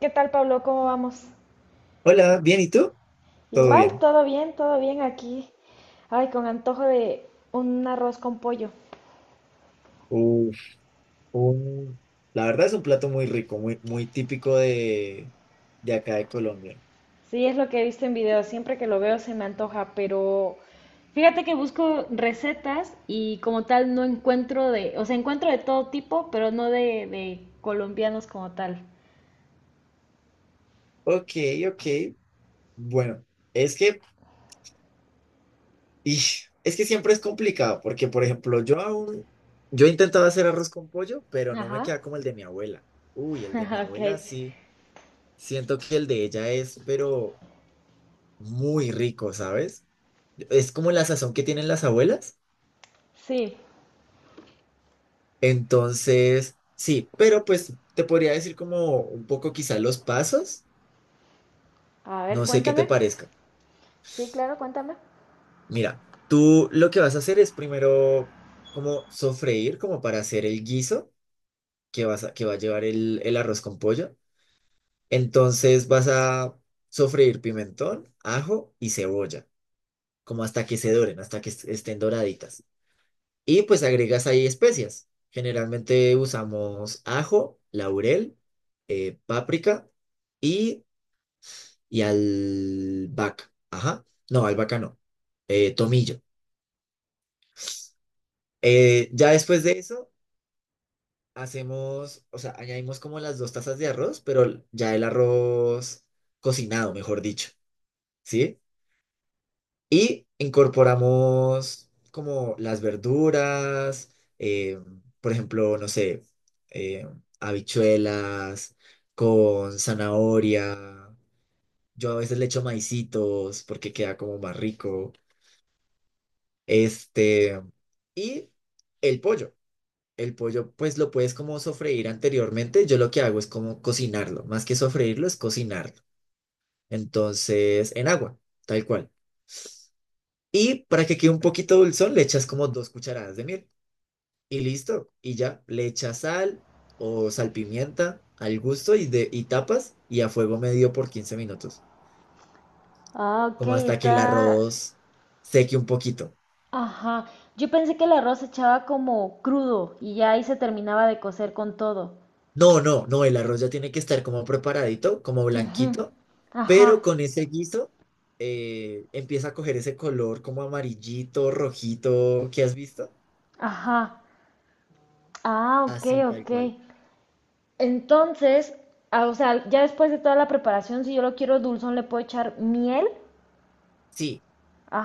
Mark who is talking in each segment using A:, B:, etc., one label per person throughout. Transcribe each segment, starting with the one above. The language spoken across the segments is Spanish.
A: ¿Qué tal, Pablo? ¿Cómo vamos?
B: Hola, ¿bien y tú? Todo
A: Igual,
B: bien.
A: todo bien aquí. Ay, con antojo de un arroz con pollo.
B: Uf, un- la verdad es un plato muy rico, muy, muy típico de acá de Colombia.
A: Sí, es lo que he visto en videos. Siempre que lo veo se me antoja, pero fíjate que busco recetas y como tal no encuentro de, o sea, encuentro de todo tipo, pero no de colombianos como tal.
B: Ok, ok. Bueno, es que, es que siempre es complicado, porque por ejemplo, yo he intentado hacer arroz con pollo, pero no me
A: Ajá.
B: queda como el de mi abuela. Uy, el de mi
A: Ok.
B: abuela sí. Siento que el de ella es, pero muy rico, ¿sabes? Es como la sazón que tienen las abuelas.
A: Sí.
B: Entonces, sí, pero pues te podría decir como un poco quizá los pasos,
A: A ver,
B: no sé qué
A: cuéntame.
B: te parezca.
A: Sí, claro, cuéntame.
B: Mira, tú lo que vas a hacer es primero como sofreír, como para hacer el guiso que va a llevar el arroz con pollo. Entonces vas a sofreír pimentón, ajo y cebolla, como hasta que se doren, hasta que estén doraditas. Y pues agregas ahí especias. Generalmente usamos ajo, laurel, páprica. Y y al vaca. Ajá. No, al vaca no. Tomillo. Ya después de eso, hacemos, o sea, añadimos como las 2 tazas de arroz, pero ya el arroz cocinado, mejor dicho, ¿sí? Y incorporamos como las verduras, por ejemplo, no sé, eh, habichuelas con zanahoria. Yo a veces le echo maicitos porque queda como más rico. Este, y el pollo. El pollo, pues lo puedes como sofreír anteriormente. Yo lo que hago es como cocinarlo. Más que sofreírlo, es cocinarlo. Entonces, en agua, tal cual. Y para que quede un poquito dulzón, le echas como 2 cucharadas de miel. Y listo. Y ya, le echas sal o salpimienta al gusto y tapas y a fuego medio por 15 minutos.
A: Ah, ok,
B: Como hasta que el
A: está.
B: arroz seque un poquito.
A: Ajá, yo pensé que el arroz se echaba como crudo y ya ahí se terminaba de cocer con todo.
B: No, no, no, el arroz ya tiene que estar como preparadito, como
A: Ujú.
B: blanquito,
A: Ajá,
B: pero con ese guiso empieza a coger ese color como amarillito, rojito, ¿qué has visto?
A: ajá. Ah, ok,
B: Así, tal
A: ok.
B: cual.
A: Entonces, ah, o sea, ya después de toda la preparación, si yo lo quiero dulzón, le puedo echar miel.
B: Sí,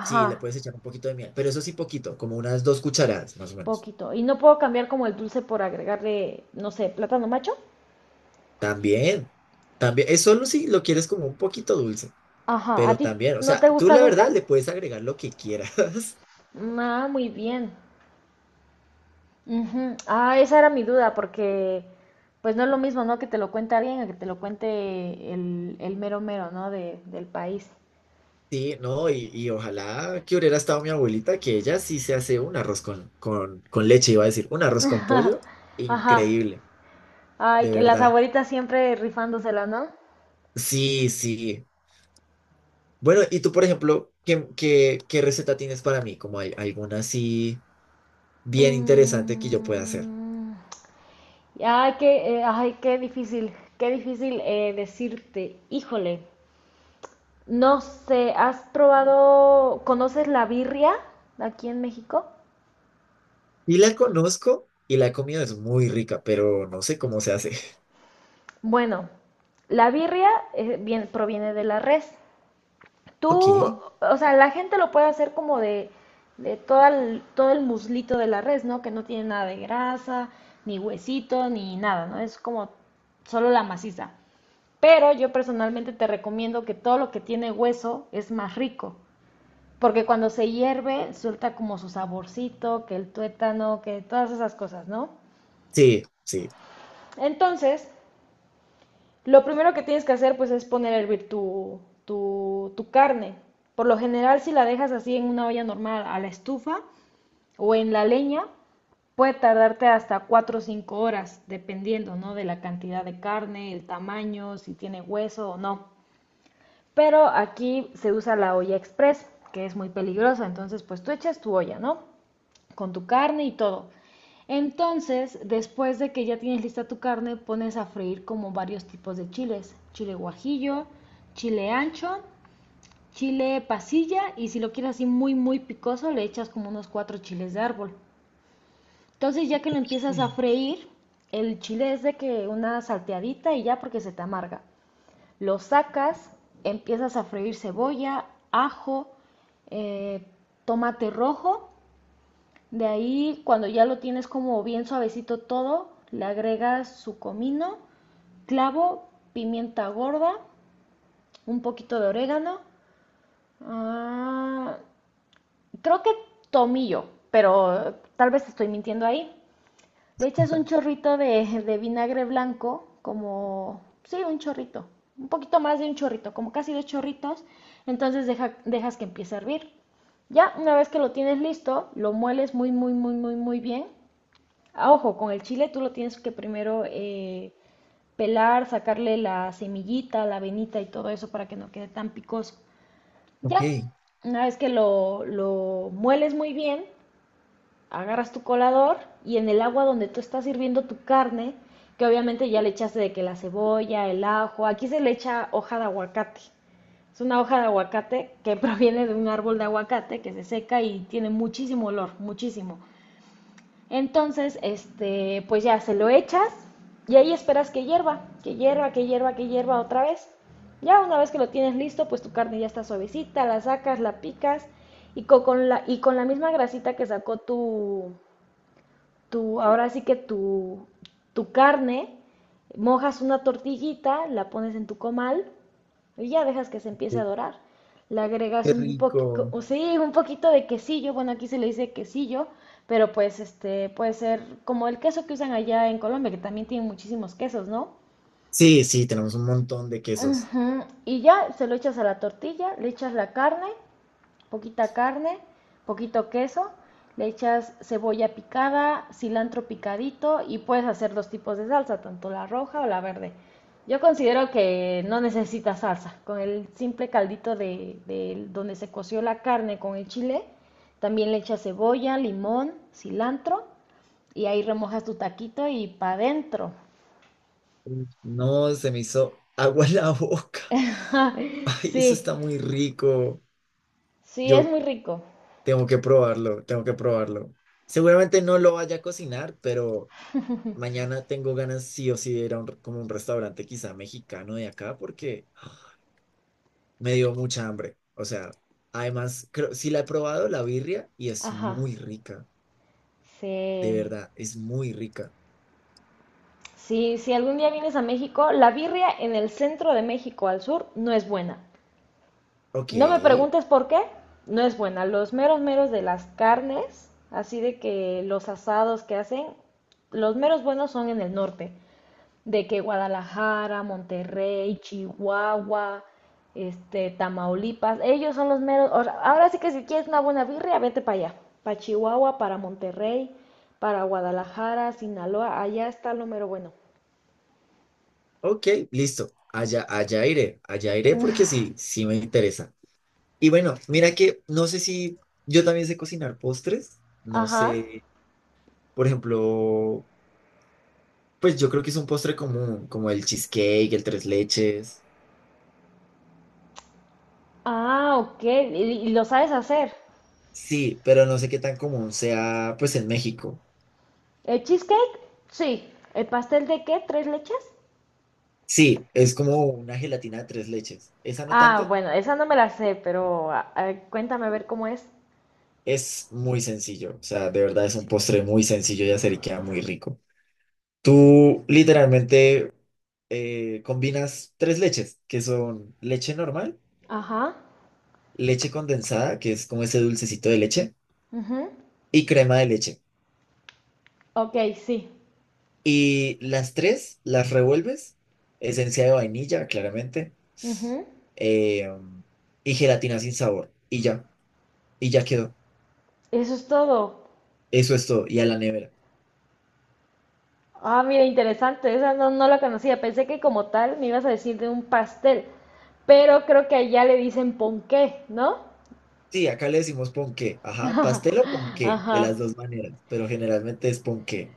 B: sí, le puedes echar un poquito de miel, pero eso sí poquito, como unas 2 cucharadas, más o menos.
A: poquito. Y no puedo cambiar como el dulce por agregarle, no sé, plátano macho.
B: También, también, es solo si lo quieres como un poquito dulce,
A: Ajá, ¿a
B: pero
A: ti
B: también, o
A: no
B: sea,
A: te
B: tú
A: gusta
B: la
A: dulce?
B: verdad le puedes agregar lo que quieras.
A: Ah, muy bien. Ujú. Ah, esa era mi duda, porque pues no es lo mismo, ¿no? Que te lo cuente alguien a que te lo cuente el mero mero, ¿no? De, del país.
B: Sí, no, y ojalá que hubiera estado mi abuelita, que ella sí se hace un arroz con leche, iba a decir, un arroz con pollo,
A: Ajá.
B: increíble,
A: Ay,
B: de
A: que las
B: verdad.
A: abuelitas siempre rifándosela, ¿no?
B: Sí, sí. Bueno, y tú, por ejemplo, ¿qué receta tienes para mí? Como hay, alguna así bien interesante que yo pueda hacer.
A: Mm. Ay, qué difícil decirte. Híjole, no sé, ¿has probado, conoces la birria aquí en México?
B: Y la conozco y la he comido, es muy rica, pero no sé cómo se hace.
A: Bueno, la birria proviene de la res. Tú,
B: Ok,
A: o sea, la gente lo puede hacer como de todo el muslito de la res, ¿no? Que no tiene nada de grasa, ni huesito, ni nada, ¿no? Es como solo la maciza. Pero yo personalmente te recomiendo que todo lo que tiene hueso es más rico, porque cuando se hierve suelta como su saborcito, que el tuétano, que todas esas cosas, ¿no?
B: sí, sí.
A: Entonces, lo primero que tienes que hacer pues es poner a hervir tu carne. Por lo general si la dejas así en una olla normal a la estufa o en la leña, puede tardarte hasta 4 o 5 horas, dependiendo, ¿no?, de la cantidad de carne, el tamaño, si tiene hueso o no. Pero aquí se usa la olla express, que es muy peligrosa. Entonces, pues tú echas tu olla, ¿no? Con tu carne y todo. Entonces, después de que ya tienes lista tu carne, pones a freír como varios tipos de chiles. Chile guajillo, chile ancho, chile pasilla y si lo quieres así muy, muy picoso, le echas como unos cuatro chiles de árbol. Entonces, ya que lo empiezas a
B: Sí.
A: freír, el chile es de que una salteadita y ya porque se te amarga. Lo sacas, empiezas a freír cebolla, ajo, eh, tomate rojo. De ahí, cuando ya lo tienes como bien suavecito todo, le agregas su comino, clavo, pimienta gorda, un poquito de orégano. Ah, creo que tomillo, pero tal vez estoy mintiendo ahí. Le echas un chorrito de vinagre blanco, como, sí, un chorrito, un poquito más de un chorrito, como casi dos chorritos, entonces dejas que empiece a hervir. Ya una vez que lo tienes listo, lo mueles muy, muy, muy, muy, muy bien. Ah, ojo, con el chile tú lo tienes que primero pelar, sacarle la semillita, la venita y todo eso para que no quede tan picoso.
B: Ok,
A: Ya, una vez que lo mueles muy bien, agarras tu colador y en el agua donde tú estás hirviendo tu carne, que obviamente ya le echaste de que la cebolla, el ajo, aquí se le echa hoja de aguacate. Es una hoja de aguacate que proviene de un árbol de aguacate que se seca y tiene muchísimo olor, muchísimo. Entonces, este, pues ya se lo echas y ahí esperas que hierva, que hierva, que hierva, que hierva otra vez. Ya una vez que lo tienes listo, pues tu carne ya está suavecita, la sacas, la picas y con la misma grasita que sacó tu, tu, ahora sí que tu carne, mojas una tortillita, la pones en tu comal y ya dejas que se empiece a dorar. Le agregas
B: qué
A: un poquito,
B: rico.
A: sí, un poquito de quesillo, bueno, aquí se le dice quesillo, pero pues este puede ser como el queso que usan allá en Colombia, que también tienen muchísimos quesos, ¿no?
B: Sí, sí, tenemos un montón de quesos.
A: Ujú. Y ya se lo echas a la tortilla, le echas la carne, poquita carne, poquito queso, le echas cebolla picada, cilantro picadito y puedes hacer dos tipos de salsa, tanto la roja o la verde. Yo considero que no necesita salsa, con el simple caldito de donde se coció la carne con el chile, también le echas cebolla, limón, cilantro y ahí remojas tu taquito y pa' dentro.
B: No, se me hizo agua en la boca. Ay, eso
A: Sí,
B: está muy rico.
A: sí, es
B: Yo
A: muy rico.
B: tengo que probarlo, tengo que probarlo. Seguramente no lo vaya a cocinar, pero mañana tengo ganas sí o sí de ir a un, como un restaurante quizá mexicano de acá porque me dio mucha hambre. O sea, además, creo, sí la he probado, la birria, y es
A: Ajá,
B: muy rica. De
A: sí.
B: verdad, es muy rica.
A: Si, si algún día vienes a México, la birria en el centro de México al sur no es buena.
B: Ok,
A: No me preguntes por qué, no es buena. Los meros meros de las carnes, así de que los asados que hacen, los meros buenos son en el norte, de que Guadalajara, Monterrey, Chihuahua, este, Tamaulipas, ellos son los meros. O sea, ahora sí que si quieres una buena birria, vete para allá, para Chihuahua, para Monterrey, para Guadalajara, Sinaloa, allá está lo mero bueno.
B: ok, listo. Allá, allá iré porque sí, sí me interesa. Y bueno, mira que no sé si yo también sé cocinar postres, no
A: Ajá.
B: sé, por ejemplo, pues yo creo que es un postre común, como el cheesecake, el tres leches.
A: Ah, ok. Y lo sabes hacer?
B: Sí, pero no sé qué tan común sea, pues en México.
A: ¿El cheesecake? Sí. ¿El pastel de qué? ¿Tres leches?
B: Sí, es como una gelatina de tres leches. Esa no
A: Ah,
B: tanto,
A: bueno, esa no me la sé, pero a cuéntame a ver cómo es.
B: es muy sencillo, o sea, de verdad es un postre muy sencillo de hacer y queda muy rico. Tú literalmente combinas tres leches, que son leche normal,
A: Ajá.
B: leche condensada, que es como ese dulcecito de leche,
A: Ujú.
B: y crema de leche.
A: Ok, sí.
B: Y las tres las revuelves, esencia de vainilla, claramente,
A: Ujú.
B: eh, y gelatina sin sabor, y ya quedó.
A: Eso es todo.
B: Eso es todo, y a la nevera.
A: Ah, mira, interesante. Esa no, no la conocía. Pensé que como tal me ibas a decir de un pastel, pero creo que allá le dicen ponqué, ¿no?
B: Sí, acá le decimos ponqué, ajá, pastel o ponqué, de
A: Ajá.
B: las dos maneras, pero generalmente es ponqué.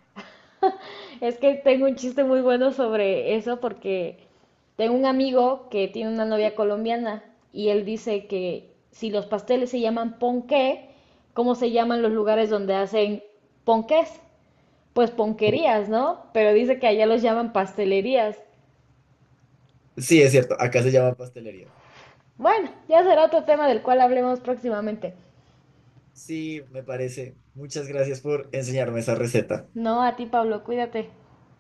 A: Es que tengo un chiste muy bueno sobre eso porque tengo un amigo que tiene una novia colombiana y él dice que si los pasteles se llaman ponqué, ¿cómo se llaman los lugares donde hacen ponqués? Pues ponquerías, ¿no? Pero dice que allá los llaman pastelerías.
B: Sí, es cierto, acá se llama pastelería.
A: Bueno, ya será otro tema del cual hablemos próximamente.
B: Sí, me parece. Muchas gracias por enseñarme esa receta.
A: No, a ti, Pablo, cuídate.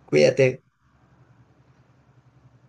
B: Cuídate.